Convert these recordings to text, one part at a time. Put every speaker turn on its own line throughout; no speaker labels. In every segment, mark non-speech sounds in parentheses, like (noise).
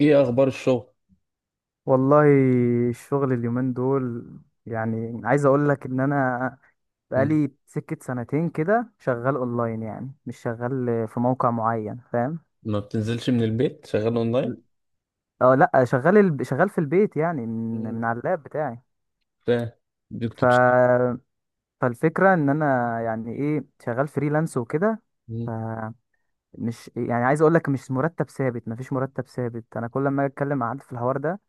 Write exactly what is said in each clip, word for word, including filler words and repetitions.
ايه اخبار الشغل؟
والله، الشغل اليومين دول يعني عايز اقول لك ان انا
مم.
بقالي سكة سنتين كده شغال اونلاين، يعني مش شغال في موقع معين، فاهم؟
ما بتنزلش من البيت شغال اونلاين؟
اه لا، شغال ال... شغال في البيت، يعني من من
مم.
على اللاب بتاعي.
ف- دي
ف
كنت بتشتغل؟
فالفكرة ان انا يعني ايه شغال فريلانس وكده.
مم.
فمش يعني عايز اقول لك، مش مرتب ثابت، مفيش مرتب ثابت. انا كل ما أجي اتكلم مع حد في الحوار ده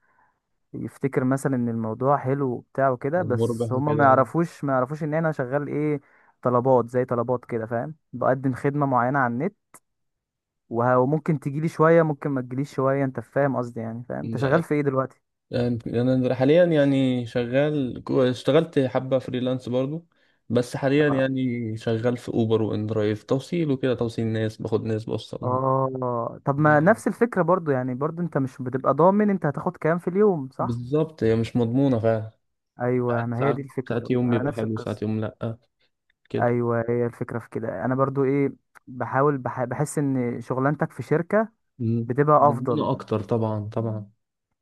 يفتكر مثلا ان الموضوع حلو وبتاع وكده،
مربح
بس هما ما
كده؟
يعرفوش ما يعرفوش ان انا شغال ايه. طلبات زي طلبات كده، فاهم؟ بقدم خدمة معينة على النت. وه- وممكن تجيلي شوية، ممكن ما تجيليش شوية. انت فاهم قصدي؟ يعني فاهم انت
مم.
شغال في ايه دلوقتي.
انا حاليا يعني شغال كو- اشتغلت حبة فريلانس برضو. بس حاليا
اه،
يعني شغال في اوبر وان درايف، توصيل وكده، توصيل ناس، باخد ناس بوصلهم.
آه. طب
يا
ما
رب.
نفس الفكرة برضو. يعني برضو انت مش بتبقى ضامن انت هتاخد كام في اليوم، صح؟
بالظبط، هي مش مضمونة فعلا.
ايوه،
ساعات
ما هي
ساعات
دي الفكرة
ساعات
برضو،
يوم
انا
بيبقى
نفس
حلو، ساعات
القصة.
يوم لأ. كده.
ايوه، هي الفكرة في كده. انا برضو ايه، بحاول بح... بحس ان شغلانتك في شركة
مم.
بتبقى افضل.
مضمونة اكتر طبعا طبعا.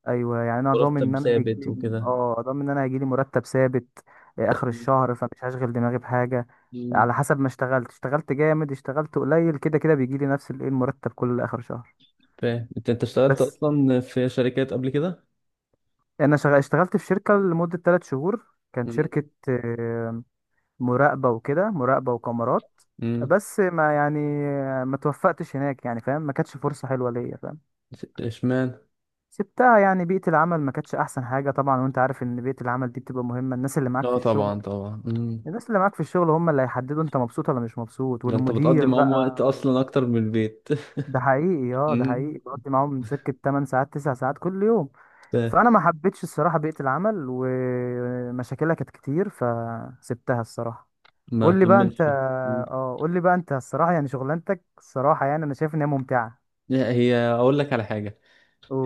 ايوه، يعني انا ضامن ان
مرتب
انا هيجي
ثابت
لي،
وكده.
اه، ضامن ان انا هيجي لي مرتب ثابت آه، اخر الشهر، فمش هشغل دماغي بحاجه.
مم.
على حسب ما اشتغلت، اشتغلت جامد اشتغلت قليل، كده كده بيجي لي نفس الايه المرتب كل اخر شهر.
فاهم انت انت اشتغلت
بس
اصلا في شركات قبل كده؟
انا شغ... اشتغلت في شركه لمده 3 شهور. كان
مم.
شركه آه، مراقبه وكده، مراقبه وكاميرات.
مم.
بس ما يعني ما توفقتش هناك، يعني فاهم، ما كانتش فرصه حلوه ليا، فاهم؟
اشمعنى؟
سبتها، يعني بيئة العمل ما كانتش أحسن حاجة طبعا، وأنت عارف إن بيئة العمل دي بتبقى مهمة، الناس اللي معاك في
اه
الشغل.
طبعا طبعا. مم.
الناس اللي معاك في الشغل هم اللي هيحددوا انت مبسوط ولا مش مبسوط،
ده انت بتقضي
والمدير
معاهم وقت
بقى.
اصلا اكتر من البيت (laughs)
ده حقيقي، اه ده
مم.
حقيقي، بقضي معاهم سكة 8 ساعات 9 ساعات كل يوم.
فاهم.
فانا ما حبيتش الصراحة بيئة العمل، ومشاكلها كانت كتير، فسبتها الصراحة.
ما
قول لي بقى انت.
كملش؟ مم.
اه، قول لي بقى انت الصراحة، يعني شغلانتك الصراحة، يعني انا شايف ان هي ممتعة.
لا، هي اقول لك على حاجه.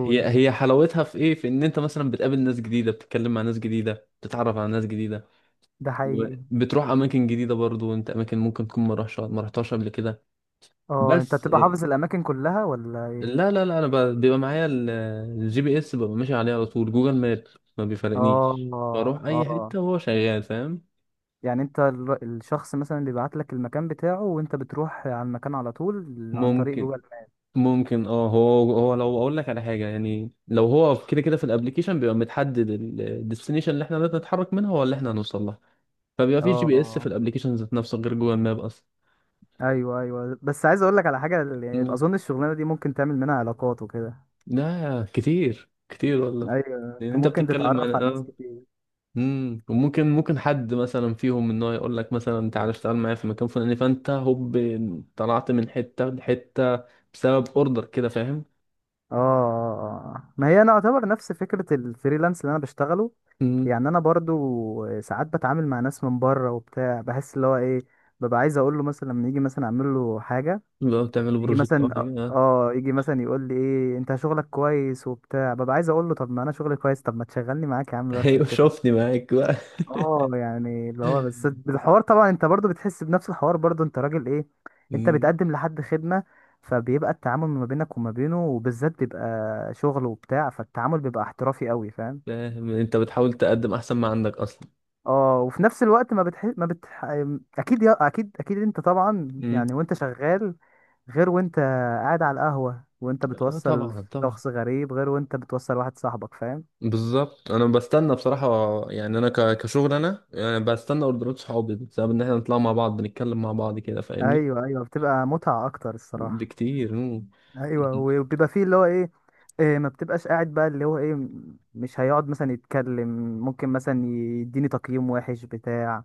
هي هي حلاوتها في ايه، في ان انت مثلا بتقابل ناس جديده، بتتكلم مع ناس جديده، بتتعرف على ناس جديده،
ده حقيقي.
وبتروح اماكن جديده برضو انت، اماكن ممكن تكون ما رحتش ما رحتهاش قبل كده.
اه، انت
بس.
بتبقى حافظ الاماكن كلها ولا ايه؟
لا لا لا، انا ب- بيبقى معايا ال- الجي بي اس، ببقى ماشي عليه على طول، جوجل ماب. ما بيفرقنيش،
اه
بروح اي
اه
حته وهو شغال فاهم.
يعني انت ال- الشخص مثلا بيبعت لك المكان بتاعه وانت بتروح على المكان على طول عن طريق
ممكن.
جوجل ماب؟
ممكن، اه هو هو لو اقول لك على حاجه، يعني لو هو كده كده في الابليكيشن بيبقى متحدد الديستنيشن اللي احنا لازم نتحرك منها ولا احنا هنوصل لها. فبيبقى
اه
في جي بي اس في
اه
الابليكيشن ذات نفسه، غير جوجل ماب اصلا.
ايوه ايوه، بس عايز اقول لك على حاجه، يعني
مم.
اظن الشغلانه دي ممكن تعمل منها علاقات وكده.
لا كتير كتير والله.
ايوه،
لان
انت
انت
ممكن
بتتكلم عن-
تتعرف على ناس
اه
كتير.
امم، وممكن ممكن حد مثلا فيهم ان هو يقول لك مثلا تعالى اشتغل معايا في مكان فلاني، فانت هوب، طلعت من حته لحته بسبب اوردر كده فاهم.
اه اه، اه. ما هي انا اعتبر نفس فكره الفريلانس اللي انا بشتغله.
امم.
يعني انا برضو ساعات بتعامل مع ناس من بره وبتاع، بحس اللي هو ايه، ببقى عايز اقول له مثلا لما يجي مثلا اعمل له حاجه.
بقى بتعملوا
يجي
بروجكت او
مثلا
حاجه، آه.
اه يجي مثلا يقول لي ايه انت شغلك كويس وبتاع، ببقى عايز اقول له طب ما انا شغلي كويس، طب ما تشغلني معاك يا عم بقى
(laughs)
في
ايوه،
شركتك.
شوفني معاك بقى
اه،
(laughs)
يعني اللي هو بس الحوار طبعا، انت برضو بتحس بنفس الحوار برضو، انت راجل ايه، انت
امم.
بتقدم لحد خدمة. فبيبقى التعامل ما بينك وما بينه وبالذات بيبقى شغل وبتاع، فالتعامل بيبقى احترافي قوي، فاهم؟
فاهم، انت بتحاول تقدم احسن ما عندك اصلا.
اه، وفي نفس الوقت ما بتح ما بتح اكيد يا... اكيد اكيد انت طبعا،
امم.
يعني وانت شغال غير وانت قاعد على القهوة، وانت
اه
بتوصل
طبعا طبعا.
شخص غريب غير وانت بتوصل واحد صاحبك، فاهم؟
بالظبط، انا بستنى بصراحه، يعني انا ك- كشغل انا يعني بستنى اوردرات صحابي بسبب ان احنا نطلع مع بعض، نتكلم مع بعض كده، فاهمني.
ايوه ايوه، بتبقى متعة اكتر الصراحة.
بكتير، مم.
ايوه، وبيبقى فيه اللي هو ايه، إيه ما بتبقاش قاعد بقى اللي هو ايه، م- مش هيقعد مثلا يتكلم، ممكن مثلا يديني تقييم وحش بتاع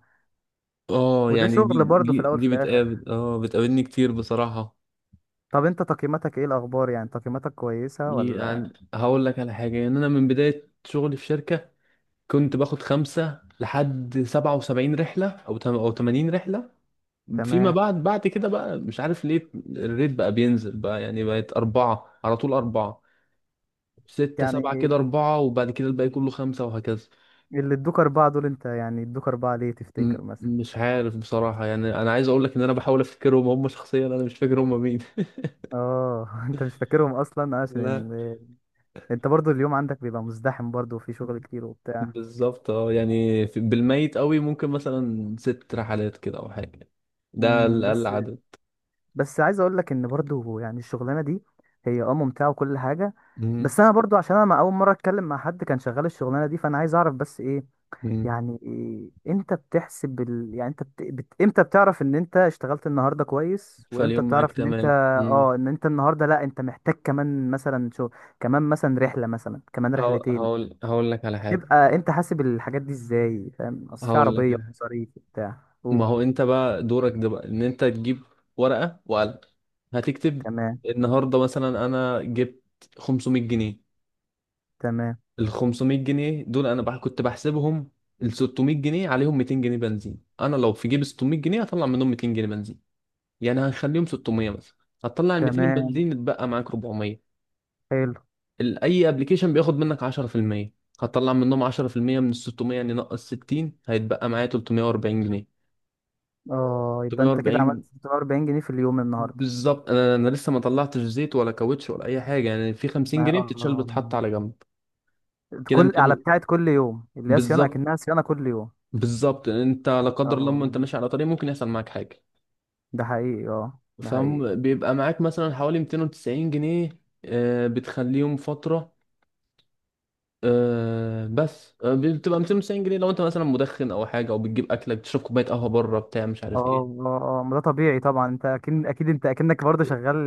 اه،
وده
يعني دي
شغل برضه في
دي
الاول في
دي
الاخر.
بتقابل، اه بتقابلني كتير بصراحة.
طب انت تقييماتك ايه الاخبار، يعني تقييماتك كويسة ولا؟
يعني هقول لك على حاجة، يعني أنا من بداية شغلي في شركة كنت باخد خمسة لحد سبعة وسبعين رحلة أو تم- أو تمانين رحلة. فيما
تمام.
بعد، بعد كده بقى مش عارف ليه، الريت بقى بينزل بقى، يعني بقت أربعة على طول، أربعة، ستة، سبعة،
يعني
كده أربعة، وبعد كده الباقي كله خمسة وهكذا.
اللي ادوك أربعة دول، أنت يعني ادوك أربعة ليه
م-
تفتكر مثلا؟
مش عارف بصراحة، يعني أنا عايز أقول لك إن أنا بحاول أفتكرهم، هم شخصيا أنا مش فاكر هم مين.
اه (laughs) أنت مش فاكرهم أصلا آه،
(laughs)
عشان
لا.
ال... أنت برضو اليوم عندك بيبقى مزدحم برضو وفي شغل كتير وبتاع.
بالظبط، اه، يعني في- بالميت قوي ممكن مثلا ست رحلات كده او حاجه، ده
امم،
الاقل
بس.
عدد.
بس عايز أقول لك إن برضو، يعني الشغلانة دي هي اه ممتعة وكل حاجة،
مم.
بس أنا برضو عشان أنا ما أول مرة أتكلم مع حد كان شغال الشغلانة دي، فأنا عايز أعرف بس إيه
مم.
يعني امتى بتحسب ال... يعني انت بت... بت... امتى بتعرف ان انت اشتغلت النهارده كويس، وامتى
فاليوم معاك
بتعرف ان انت
تمام، مم.
اه ان انت النهارده لا انت محتاج كمان مثلا شو كمان مثلا رحله، مثلا كمان
هقول
رحلتين.
هقول هقول لك على حاجة
تبقى انت حاسب الحاجات دي ازاي، فاهم؟ اصل في
هقول لك
عربيه
على حاجة.
ومصاريف بتاع
ما
اوه،
هو انت بقى دورك ده بقى ان انت تجيب ورقه وقلم، هتكتب
تمام
النهارده مثلا انا جبت خمسمائة جنيه.
تمام
ال خمسمائة جنيه دول انا بح كنت بحسبهم ال ستمائة جنيه، عليهم ميتين جنيه بنزين. انا لو في جيب ستمية جنيه، هطلع منهم ميتين جنيه بنزين، يعني هنخليهم ستمية مثلا، هتطلع ال ميتين
تمام،
الباقيين يتبقى معاك اربعمائة.
حلو.
ال- اي ابلكيشن بياخد منك عشرة في المية، هتطلع منهم عشرة في المية من ال ستمية، يعني نقص ستين، هيتبقى معايا تلتمية واربعين جنيه.
اه، يبقى انت كده
تلتمية واربعين،
عملت ستة واربعين جنيه في اليوم النهارده.
بالظبط. انا انا لسه ما طلعتش زيت ولا كاوتش ولا اي حاجه، يعني في 50
ما
جنيه بتتشال
اه،
بتتحط على جنب، كده
كل
ميتين.
على
و-
بتاعت كل يوم اللي هي صيانه،
بالظبط.
اكنها صيانه كل يوم.
بالظبط، انت لا قدر الله
اه،
لما انت ماشي على طريق ممكن يحصل معاك حاجه،
ده حقيقي، اه ده حقيقي.
فبيبقى معاك مثلا حوالي ميتين وتسعين جنيه، آه، بتخليهم فتره. أه بس آه، بتبقى ميتين وتسعين جنيه لو انت مثلا مدخن او حاجه، او بتجيب اكلك، بتشرب كوبايه قهوه بره بتاع، مش
اه
عارف ايه.
اه، اه ما ده طبيعي طبعا، انت اكيد اكيد انت اكنك برضه شغال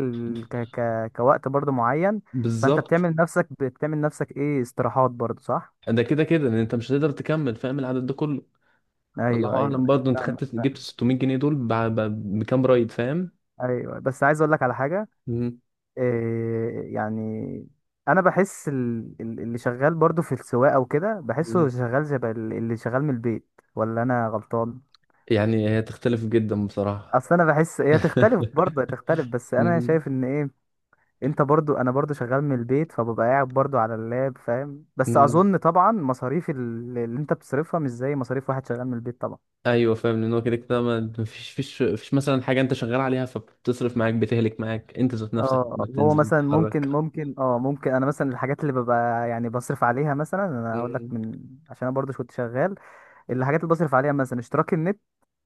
ك ك كوقت برضه معين. فانت
بالظبط،
بتعمل نفسك بتعمل نفسك ايه، استراحات برضه، صح؟
ده كده كده ان انت مش هتقدر تكمل فاهم العدد ده كله.
ايوه
الله
ايوه،
اعلم برضه انت
فاهم
خدت جبت
فاهم.
ستمية جنيه دول ب- ب- بكام رايد فاهم.
ايوه، بس عايز اقول لك على حاجه.
مم.
إيه يعني، انا بحس ال- ال- اللي شغال برضه في السواقه وكده
مم.
بحسه شغال شبه ال- اللي شغال من البيت، ولا انا غلطان؟
يعني هي تختلف جدا بصراحه.
اصل انا بحس هي تختلف برضه، تختلف،
(laughs)
بس انا
مم.
شايف ان ايه، انت برضو، انا برضو شغال من البيت فببقى قاعد برضو على اللاب، فاهم؟ بس
مم.
اظن طبعا مصاريف ال- اللي انت بتصرفها مش زي مصاريف واحد شغال من البيت طبعا.
ايوه فاهم، لان هو كده كده ما فيش فيش فيش مثلا حاجه انت شغال عليها فبتصرف معاك، بتهلك معاك انت ذات نفسك لما
اه، هو
بتنزل
مثلا ممكن،
تتحرك.
ممكن اه ممكن انا مثلا الحاجات اللي ببقى يعني بصرف عليها، مثلا انا هقول لك من، عشان انا برضو كنت شغال. الحاجات اللي بصرف عليها مثلا اشتراك النت،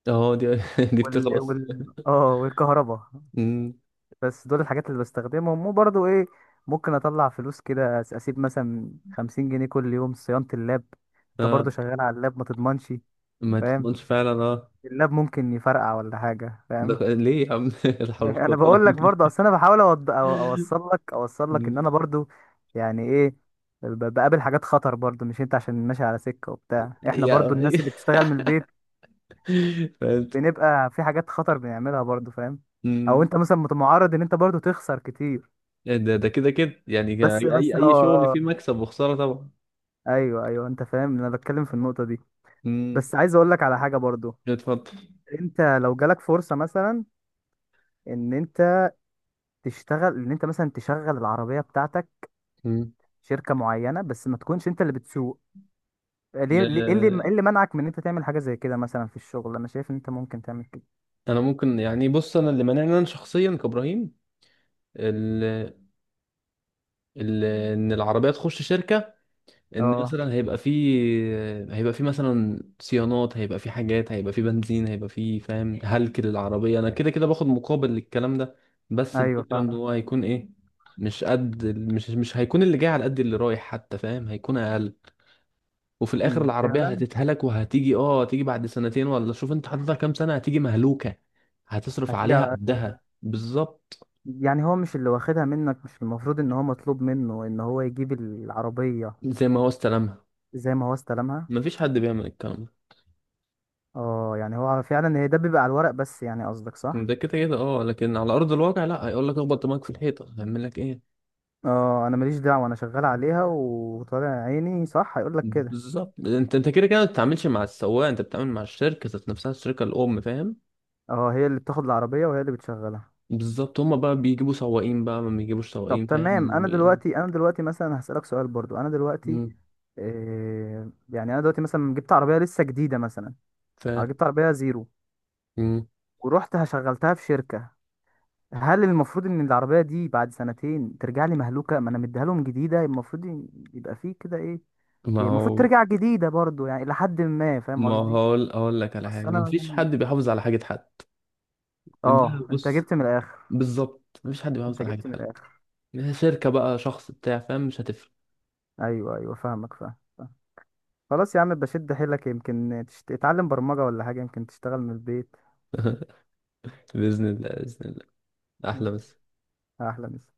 اه دي (laughs) دي
وال
بتخلص.
وال اه والكهرباء.
أمم،
بس دول الحاجات اللي بستخدمهم، وبرضو ايه، ممكن اطلع فلوس كده أس- اسيب مثلا خمسين جنيه كل يوم صيانة اللاب. انت
اه
برضو شغال على اللاب، ما تضمنش،
ما
فاهم؟
تضمنش فعلا، اه.
اللاب ممكن يفرقع ولا حاجه، فاهم؟
ده ليه يا عم (laughs) لا
(laughs)
حول ولا
انا
قوة إلا
بقول لك
بالله.
برضه، اصل انا بحاول أوض- أو- اوصل لك، اوصل لك ان
أمم،
انا برضه يعني ايه، ب- بقابل حاجات خطر برضه. مش انت عشان ماشي على سكه وبتاع، احنا برضه
يا
الناس اللي بتشتغل من البيت
(laughs) فهمت.
بنبقى في حاجات خطر بنعملها برضه، فاهم؟ او
أمم،
انت مثلا مت- معرض ان انت برضه تخسر كتير.
ده ده كده كده يعني
بس
اي
بس اه
اي شغل
آه.
فيه مكسب وخسارة طبعا.
ايوه ايوه، انت فاهم انا بتكلم في النقطه دي.
أمم،
بس عايز اقول لك على حاجه برضه.
اتفضل.
انت لو جالك فرصه مثلا ان انت تشتغل، ان انت مثلا تشغل العربيه بتاعتك
أمم.
شركة معينة، بس ما تكونش انت اللي بتسوق. ليه ليه- ايه اللي،
لا،
ايه اللي منعك من ان انت تعمل حاجة زي كده مثلا في الشغل؟ انا شايف ان انت ممكن تعمل كده.
انا ممكن يعني، بص انا اللي مانعني انا شخصيا كابراهيم، ال- ال- ان العربيه تخش شركه، ان
اه،
مثلا هيبقى في، هيبقى في مثلا صيانات، هيبقى في حاجات، هيبقى في بنزين، هيبقى في فاهم، هلك للعربية. انا كده كده باخد مقابل للكلام ده، بس
ايوه
الفكرة ان
فاهمك.
هو هيكون ايه، مش قد، مش مش هيكون اللي جاي على قد اللي رايح حتى فاهم، هيكون اقل. وفي الاخر
أمم،
العربية
فعلا.
هتتهلك وهتيجي اه هتيجي بعد سنتين، ولا شوف انت حاططها كام سنة، هتيجي مهلوكة. هتصرف
هتيجي
عليها
على أكل.
قدها بالظبط.
يعني هو مش اللي واخدها منك مش المفروض ان هو مطلوب منه ان هو يجيب العربية
زي ما هو استلمها.
زي ما هو استلمها؟
مفيش حد بيعمل الكلام ده.
اه يعني هو فعلا هي ده بيبقى على الورق بس، يعني قصدك صح.
ده كده كده، اه لكن على ارض الواقع لا، هيقول لك اخبط دماغك في الحيطه، هيعمل لك ايه؟
اه انا ماليش دعوة، انا شغال عليها وطالع عيني، صح؟ هيقول لك كده.
بالظبط، انت انت كده كده ما بتتعاملش مع السواق، انت بتتعامل مع الشركه ذات نفسها، الشركه الام فاهم.
اه، هي اللي بتاخد العربية وهي اللي بتشغلها.
بالظبط، هما بقى بيجيبوا سواقين بقى، ما بيجيبوش
طب
سواقين
تمام، انا
فاهم.
دلوقتي، انا دلوقتي مثلا هسألك سؤال برضو، انا دلوقتي
مم.
إيه يعني، انا دلوقتي مثلا جبت عربية لسه جديدة مثلا،
ف
أو جبت عربية زيرو،
مم.
ورحت هشغلتها في شركة. هل المفروض ان العربية دي بعد سنتين ترجع لي مهلوكة؟ ما انا مديها لهم جديدة، المفروض ي- يبقى فيه كده ايه،
ما
هي المفروض
هو
ترجع جديدة برضو يعني لحد ما، فاهم
ما
قصدي؟
هو اقول لك على
بس
حاجه
انا
مفيش
مثلا
حد بيحافظ على حاجه حد. ده
اه، انت
بص،
جبت من الاخر،
بالظبط مفيش حد بيحافظ
انت
على حاجه
جبت من
حد،
الاخر.
شركه بقى شخص بتاع فاهم، مش هتفرق.
ايوه ايوه، فاهمك، فاهم فاهم. خلاص يا عم، بشد حيلك، يمكن تشت... تتعلم برمجة ولا حاجة، يمكن تشتغل من البيت.
باذن الله باذن الله.
مم.
احلى بس.
احلى مسا